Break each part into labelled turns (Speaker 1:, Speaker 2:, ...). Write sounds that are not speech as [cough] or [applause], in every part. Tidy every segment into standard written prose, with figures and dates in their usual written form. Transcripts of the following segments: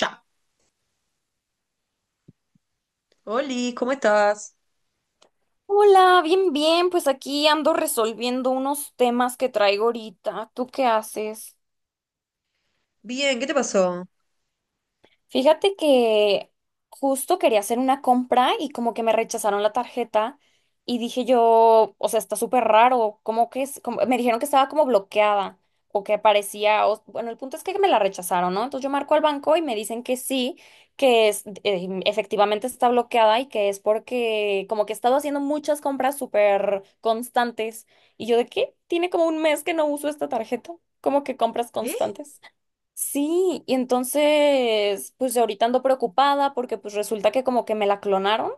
Speaker 1: Ya. Oli, ¿cómo estás?
Speaker 2: Hola, bien, bien, pues aquí ando resolviendo unos temas que traigo ahorita. ¿Tú qué haces?
Speaker 1: Bien, ¿qué te pasó?
Speaker 2: Fíjate que justo quería hacer una compra y como que me rechazaron la tarjeta y dije yo, o sea, está súper raro, como que es, me dijeron que estaba como bloqueada o que aparecía, o- bueno, el punto es que me la rechazaron, ¿no? Entonces yo marco al banco y me dicen que sí, que es, efectivamente está bloqueada y que es porque como que he estado haciendo muchas compras súper constantes y yo de qué, tiene como un mes que no uso esta tarjeta, como que compras
Speaker 1: ¿Eh?
Speaker 2: constantes. Sí, y entonces, pues ahorita ando preocupada porque pues resulta que como que me la clonaron.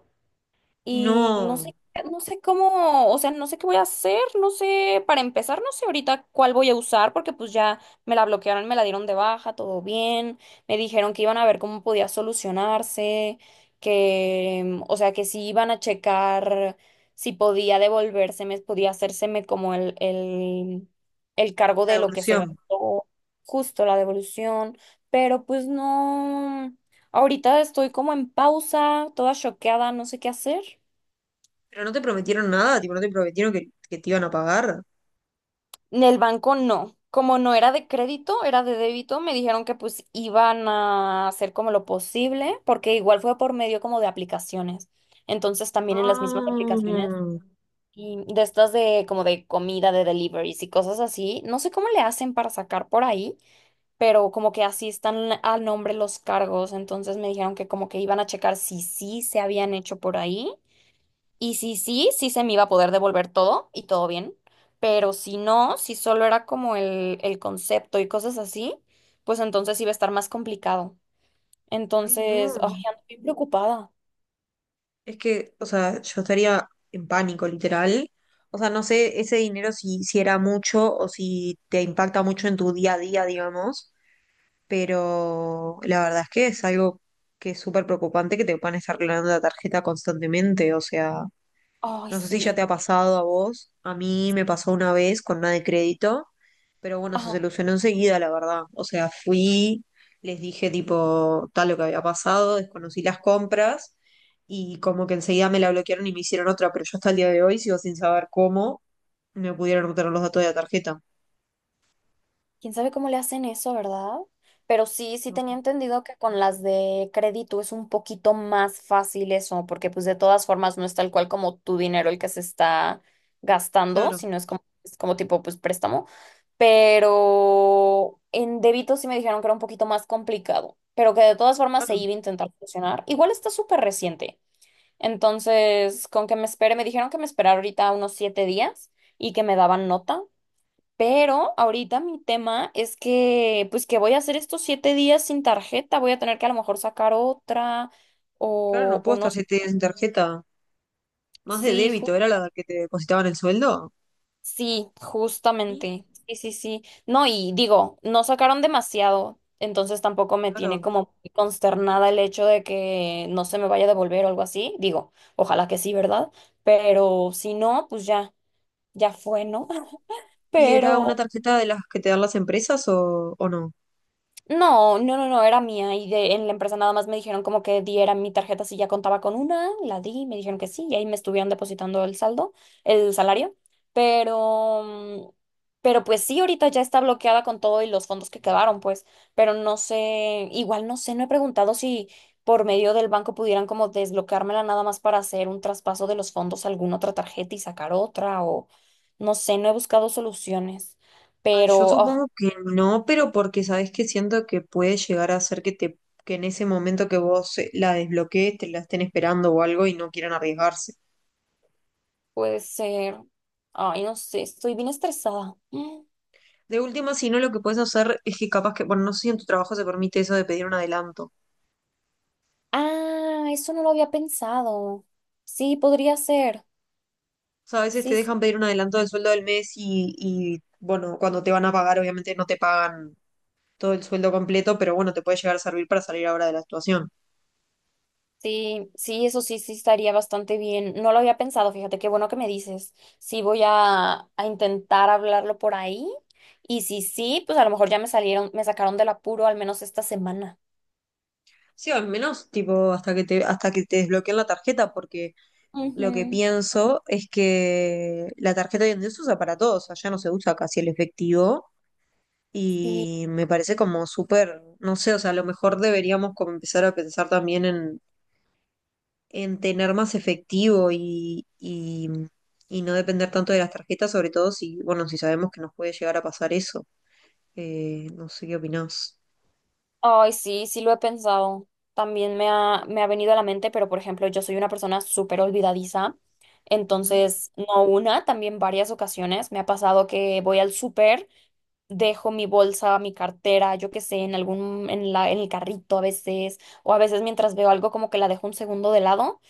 Speaker 2: Y no
Speaker 1: No,
Speaker 2: sé, no sé cómo, o sea, no sé qué voy a hacer, no sé, para empezar, no sé ahorita cuál voy a usar, porque pues ya me la bloquearon, me la dieron de baja, todo bien, me dijeron que iban a ver cómo podía solucionarse, que, o sea, que si iban a checar si podía devolvérseme, podía hacérseme como el cargo
Speaker 1: la
Speaker 2: de lo que se
Speaker 1: devolución.
Speaker 2: gastó, justo la devolución, pero pues no. Ahorita estoy como en pausa, toda choqueada, no sé qué hacer.
Speaker 1: ¿Pero no te prometieron nada? ¿Tipo, no te prometieron que te iban a pagar?
Speaker 2: En el banco no. Como no era de crédito, era de débito, me dijeron que pues iban a hacer como lo posible, porque igual fue por medio como de aplicaciones. Entonces también en las mismas aplicaciones
Speaker 1: Ah,
Speaker 2: y de estas de como de comida, de deliveries y cosas así, no sé cómo le hacen para sacar por ahí, pero como que así están al nombre los cargos. Entonces me dijeron que como que iban a checar si sí se habían hecho por ahí y si sí, sí se me iba a poder devolver todo y todo bien, pero si no, si solo era como el concepto y cosas así, pues entonces iba a estar más complicado.
Speaker 1: ay, no.
Speaker 2: Entonces, ay, ando bien preocupada.
Speaker 1: Es que, o sea, yo estaría en pánico, literal. O sea, no sé ese dinero si era mucho o si te impacta mucho en tu día a día, digamos. Pero la verdad es que es algo que es súper preocupante que te puedan estar clonando la tarjeta constantemente. O sea.
Speaker 2: Ay,
Speaker 1: No sé si ya
Speaker 2: sí.
Speaker 1: te ha pasado a vos, a mí me pasó una vez con una de crédito, pero bueno, se solucionó enseguida, la verdad. O sea, fui, les dije tipo tal lo que había pasado, desconocí las compras y como que enseguida me la bloquearon y me hicieron otra, pero yo hasta el día de hoy sigo sin saber cómo me pudieron obtener los datos de la tarjeta.
Speaker 2: ¿Quién sabe cómo le hacen eso, verdad? Pero sí, sí
Speaker 1: No,
Speaker 2: tenía entendido que con las de crédito es un poquito más fácil eso, porque pues de todas formas no es tal cual como tu dinero el que se está gastando,
Speaker 1: Claro,
Speaker 2: sino es como tipo pues préstamo. Pero en débito sí me dijeron que era un poquito más complicado, pero que de todas formas se
Speaker 1: claro,
Speaker 2: iba a intentar funcionar. Igual está súper reciente. Entonces, con que me espere, me dijeron que me esperara ahorita unos 7 días y que me daban nota. Pero ahorita mi tema es que, pues que voy a hacer estos 7 días sin tarjeta, voy a tener que a lo mejor sacar otra
Speaker 1: claro, no puedo
Speaker 2: o no.
Speaker 1: estar siete días sin tarjeta. Más de
Speaker 2: Sí,
Speaker 1: débito, era la que te depositaban el sueldo.
Speaker 2: sí,
Speaker 1: Sí,
Speaker 2: justamente. Sí, sí, sí. No, y digo, no sacaron demasiado, entonces tampoco me tiene
Speaker 1: claro.
Speaker 2: como muy consternada el hecho de que no se me vaya a devolver o algo así. Digo, ojalá que sí, ¿verdad? Pero si no, pues ya, ya fue, ¿no? [laughs]
Speaker 1: ¿Y era una
Speaker 2: Pero...
Speaker 1: tarjeta de las que te dan las empresas o no?
Speaker 2: No, no, no, no, era mía y de, en la empresa nada más me dijeron como que diera mi tarjeta si ya contaba con una, la di, me dijeron que sí y ahí me estuvieron depositando el saldo, el salario, pero, mm, pero pues sí, ahorita ya está bloqueada con todo y los fondos que quedaron, pues, pero no sé, igual no sé, no he preguntado si por medio del banco pudieran como desbloqueármela nada más para hacer un traspaso de los fondos a alguna otra tarjeta y sacar otra o no sé, no he buscado soluciones.
Speaker 1: Ay,
Speaker 2: Pero,
Speaker 1: yo
Speaker 2: oh,
Speaker 1: supongo que no, pero porque sabes que siento que puede llegar a ser que te, que en ese momento que vos la desbloquees, te la estén esperando o algo y no quieran arriesgarse.
Speaker 2: puede ser. Ay, no sé, estoy bien estresada. Mm.
Speaker 1: De última, si no, lo que puedes hacer es que capaz que, bueno, no sé si en tu trabajo se permite eso de pedir un adelanto. O
Speaker 2: Ah, eso no lo había pensado. Sí, podría ser.
Speaker 1: sea, a veces te
Speaker 2: Sí, sí,
Speaker 1: dejan pedir un adelanto del sueldo del mes y bueno, cuando te van a pagar, obviamente no te pagan todo el sueldo completo, pero bueno, te puede llegar a servir para salir ahora de la situación.
Speaker 2: sí, sí, eso sí, sí estaría bastante bien. No lo había pensado, fíjate, qué bueno que me dices. Sí, voy a intentar hablarlo por ahí. Y si sí, pues a lo mejor ya me salieron, me sacaron del apuro al menos esta semana.
Speaker 1: Sí, o al menos, tipo, hasta que te desbloqueen la tarjeta, porque lo que
Speaker 2: Ujú,
Speaker 1: pienso es que la tarjeta hoy en día se usa para todo, o sea, ya no se usa casi el efectivo
Speaker 2: sí.
Speaker 1: y me parece como súper, no sé, o sea, a lo mejor deberíamos como empezar a pensar también en tener más efectivo y no depender tanto de las tarjetas, sobre todo si, bueno, si sabemos que nos puede llegar a pasar eso. No sé qué opinás.
Speaker 2: Ay, sí, sí lo he pensado. También me ha venido a la mente, pero por ejemplo, yo soy una persona súper olvidadiza.
Speaker 1: Ujú,
Speaker 2: Entonces, no una, también varias ocasiones me ha pasado que voy al súper, dejo mi bolsa, mi cartera, yo qué sé, en algún, en la, en el carrito a veces, o a veces mientras veo algo como que la dejo un segundo de lado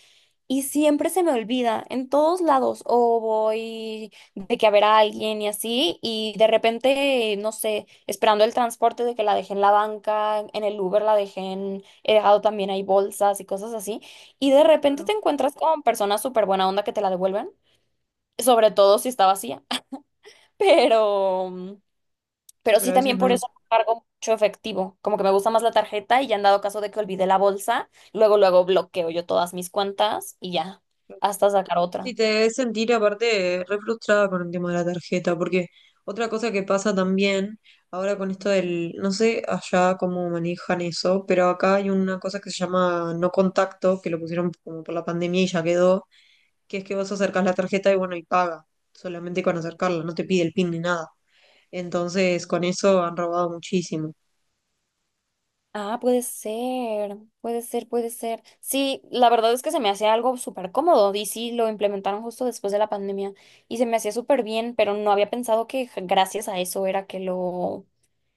Speaker 2: y siempre se me olvida, en todos lados, o voy de que a ver a alguien y así, y de repente, no sé, esperando el transporte de que la dejé en la banca, en el Uber la dejé en, he dejado también ahí bolsas y cosas así, y de repente
Speaker 1: claro,
Speaker 2: te encuentras con personas súper buena onda que te la devuelven, sobre todo si está vacía, [laughs] pero, mm,
Speaker 1: sí,
Speaker 2: pero
Speaker 1: pero
Speaker 2: sí
Speaker 1: a veces
Speaker 2: también por
Speaker 1: no.
Speaker 2: eso no cargo mucho efectivo, como que me gusta más la tarjeta y ya han dado caso de que olvidé la bolsa, luego, luego bloqueo yo todas mis cuentas y ya, hasta sacar
Speaker 1: Sí,
Speaker 2: otra.
Speaker 1: te debes sentir aparte re frustrada con el tema de la tarjeta, porque otra cosa que pasa también, ahora con esto del, no sé allá cómo manejan eso, pero acá hay una cosa que se llama no contacto, que lo pusieron como por la pandemia y ya quedó, que es que vos acercás la tarjeta y bueno, y paga, solamente con acercarla, no te pide el PIN ni nada. Entonces, con eso han robado muchísimo.
Speaker 2: Ah, puede ser, puede ser, puede ser. Sí, la verdad es que se me hacía algo súper cómodo y sí, lo implementaron justo después de la pandemia y se me hacía súper bien, pero no había pensado que gracias a eso era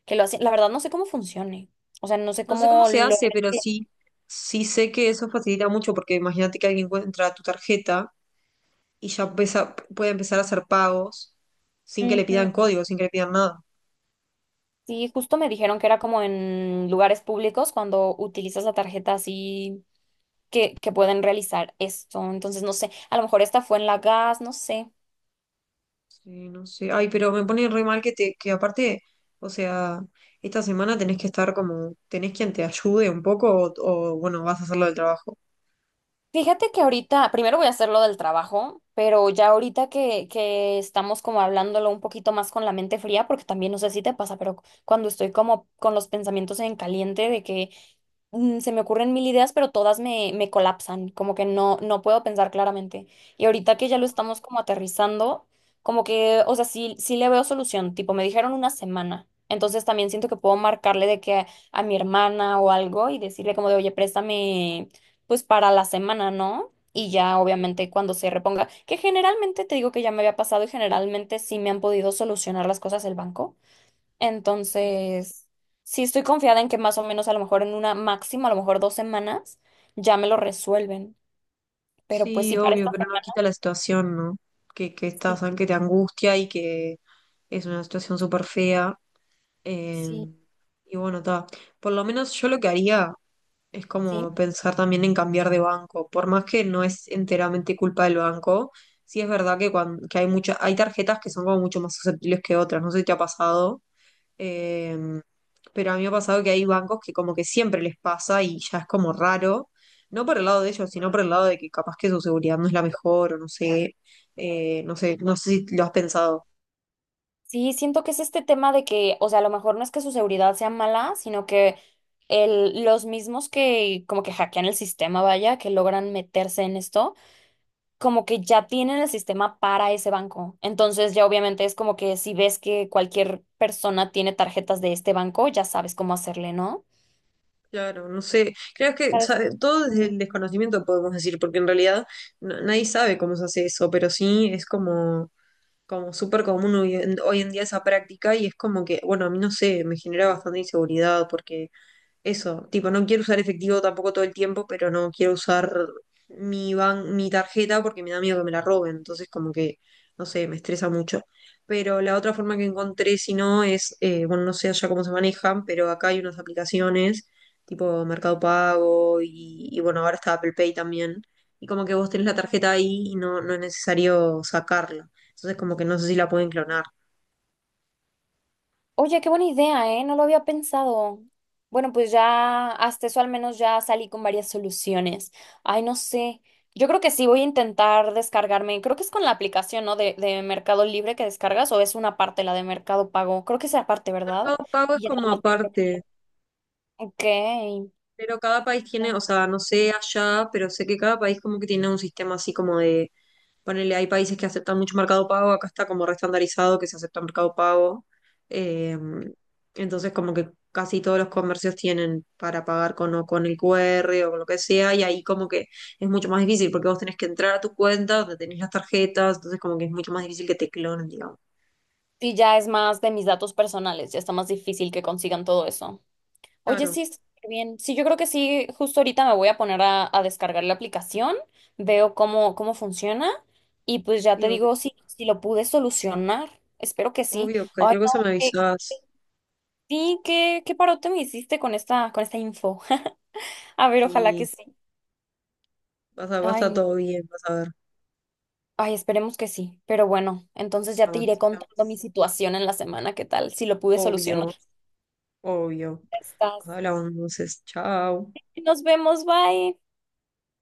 Speaker 2: que lo hacían. La verdad no sé cómo funcione, o sea, no sé
Speaker 1: No sé cómo
Speaker 2: cómo
Speaker 1: se
Speaker 2: lo...
Speaker 1: hace, pero sí, sí sé que eso facilita mucho, porque imagínate que alguien encuentra tu tarjeta y ya empieza- puede empezar a hacer pagos
Speaker 2: [laughs]
Speaker 1: sin que le pidan
Speaker 2: Ujú.
Speaker 1: código, sin que le pidan nada.
Speaker 2: Sí, justo me dijeron que era como en lugares públicos cuando utilizas la tarjeta así que pueden realizar esto, entonces no sé, a lo mejor esta fue en la gas, no sé.
Speaker 1: Sí, no sé. Ay, pero me pone re mal que te, que aparte, o sea, esta semana tenés que estar como, tenés quien te ayude un poco o, bueno, vas a hacerlo del trabajo.
Speaker 2: Fíjate que ahorita, primero voy a hacer lo del trabajo, pero ya ahorita que estamos como hablándolo un poquito más con la mente fría, porque también no sé si te pasa, pero cuando estoy como con los pensamientos en caliente de que se me ocurren mil ideas, pero todas me colapsan, como que no, no puedo pensar claramente. Y ahorita que ya lo
Speaker 1: Claro,
Speaker 2: estamos como aterrizando, como que, o sea, sí, sí le veo solución, tipo, me dijeron una semana. Entonces también siento que puedo marcarle de que a mi hermana o algo y decirle como de, oye, préstame pues para la semana, ¿no? Y ya obviamente cuando se reponga, que generalmente te digo que ya me había pasado y generalmente sí me han podido solucionar las cosas el banco.
Speaker 1: sí.
Speaker 2: Entonces, sí estoy confiada en que más o menos a lo mejor en una máxima, a lo mejor 2 semanas, ya me lo resuelven. Pero pues
Speaker 1: Sí,
Speaker 2: sí, para
Speaker 1: obvio,
Speaker 2: esta
Speaker 1: pero no
Speaker 2: semana
Speaker 1: quita la situación, ¿no? Que
Speaker 2: sí,
Speaker 1: estás, que te angustia y que es una situación súper fea. eh,
Speaker 2: sí,
Speaker 1: y bueno, está. Por lo menos yo lo que haría. Es
Speaker 2: sí.
Speaker 1: como pensar también en cambiar de banco, por más que no es enteramente culpa del banco, sí es verdad que, cuan- que hay mucha, hay tarjetas que son como mucho más susceptibles que otras, no sé si te ha pasado, eh, pero a mí me ha pasado que hay bancos que como que siempre les pasa y ya es como raro, no por el lado de ellos, sino por el lado de que capaz que su seguridad no es la mejor o no sé, no sé, no sé si lo has pensado.
Speaker 2: Sí, siento que es este tema de que, o sea, a lo mejor no es que su seguridad sea mala, sino que los mismos que como que hackean el sistema, vaya, que logran meterse en esto, como que ya tienen el sistema para ese banco. Entonces ya obviamente es como que si ves que cualquier persona tiene tarjetas de este banco, ya sabes cómo hacerle, ¿no?
Speaker 1: Claro, no sé, creo que sabe, todo desde el desconocimiento podemos decir, porque en realidad na- nadie sabe cómo se hace eso, pero sí es como, como súper común hoy en, hoy en día esa práctica y es como que, bueno, a mí no sé, me genera bastante inseguridad porque eso, tipo, no quiero usar efectivo tampoco todo el tiempo, pero no quiero usar mi ban- mi tarjeta porque me da miedo que me la roben. Entonces, como que, no sé, me estresa mucho. Pero la otra forma que encontré, si no, es, bueno, no sé allá cómo se manejan, pero acá hay unas aplicaciones tipo Mercado Pago y bueno, ahora está Apple Pay también. Y como que vos tenés la tarjeta ahí y no, no es necesario sacarla. Entonces, como que no sé si la pueden clonar.
Speaker 2: Oye, qué buena idea, ¿eh? No lo había pensado. Bueno, pues ya hasta eso al menos ya salí con varias soluciones. Ay, no sé. Yo creo que sí voy a intentar descargarme. Creo que es con la aplicación, ¿no? De Mercado Libre que descargas o es una parte la de Mercado Pago. Creo que es la parte, ¿verdad?
Speaker 1: Mercado Pago es
Speaker 2: Y ya nada
Speaker 1: como
Speaker 2: más te creo.
Speaker 1: aparte.
Speaker 2: Ok.
Speaker 1: Pero cada país tiene, o sea, no sé allá, pero sé que cada país como que tiene un sistema así como de, ponele, hay países que aceptan mucho mercado pago, acá está como restandarizado que se acepta mercado pago. eh, entonces como que casi todos los comercios tienen para pagar con, o con el QR o con lo que sea, y ahí como que es mucho más difícil porque vos tenés que entrar a tu cuenta donde tenés las tarjetas, entonces como que es mucho más difícil que te clonen, digamos.
Speaker 2: Sí, ya es más de mis datos personales. Ya está más difícil que consigan todo eso. Oye,
Speaker 1: Claro,
Speaker 2: sí, está súper bien. Sí, yo creo que sí, justo ahorita me voy a poner a descargar la aplicación, veo cómo funciona y pues ya te
Speaker 1: sí, obvio,
Speaker 2: digo si, si lo pude solucionar. Espero que sí.
Speaker 1: obvio,
Speaker 2: Ay,
Speaker 1: cualquier cosa
Speaker 2: no,
Speaker 1: me
Speaker 2: que
Speaker 1: avisás,
Speaker 2: sí, qué parote me hiciste con esta info. [laughs] A ver, ojalá que
Speaker 1: sí,
Speaker 2: sí.
Speaker 1: vas a, va a
Speaker 2: Ay,
Speaker 1: estar
Speaker 2: no.
Speaker 1: todo bien, vas a ver.
Speaker 2: Ay, esperemos que sí. Pero bueno, entonces ya te iré
Speaker 1: Vamos,
Speaker 2: contando mi
Speaker 1: hablamos.
Speaker 2: situación en la semana, ¿qué tal? Si lo pude solucionar.
Speaker 1: Obvio,
Speaker 2: Ya
Speaker 1: obvio. Nos
Speaker 2: estás.
Speaker 1: hablamos entonces. Chao.
Speaker 2: Nos vemos, bye.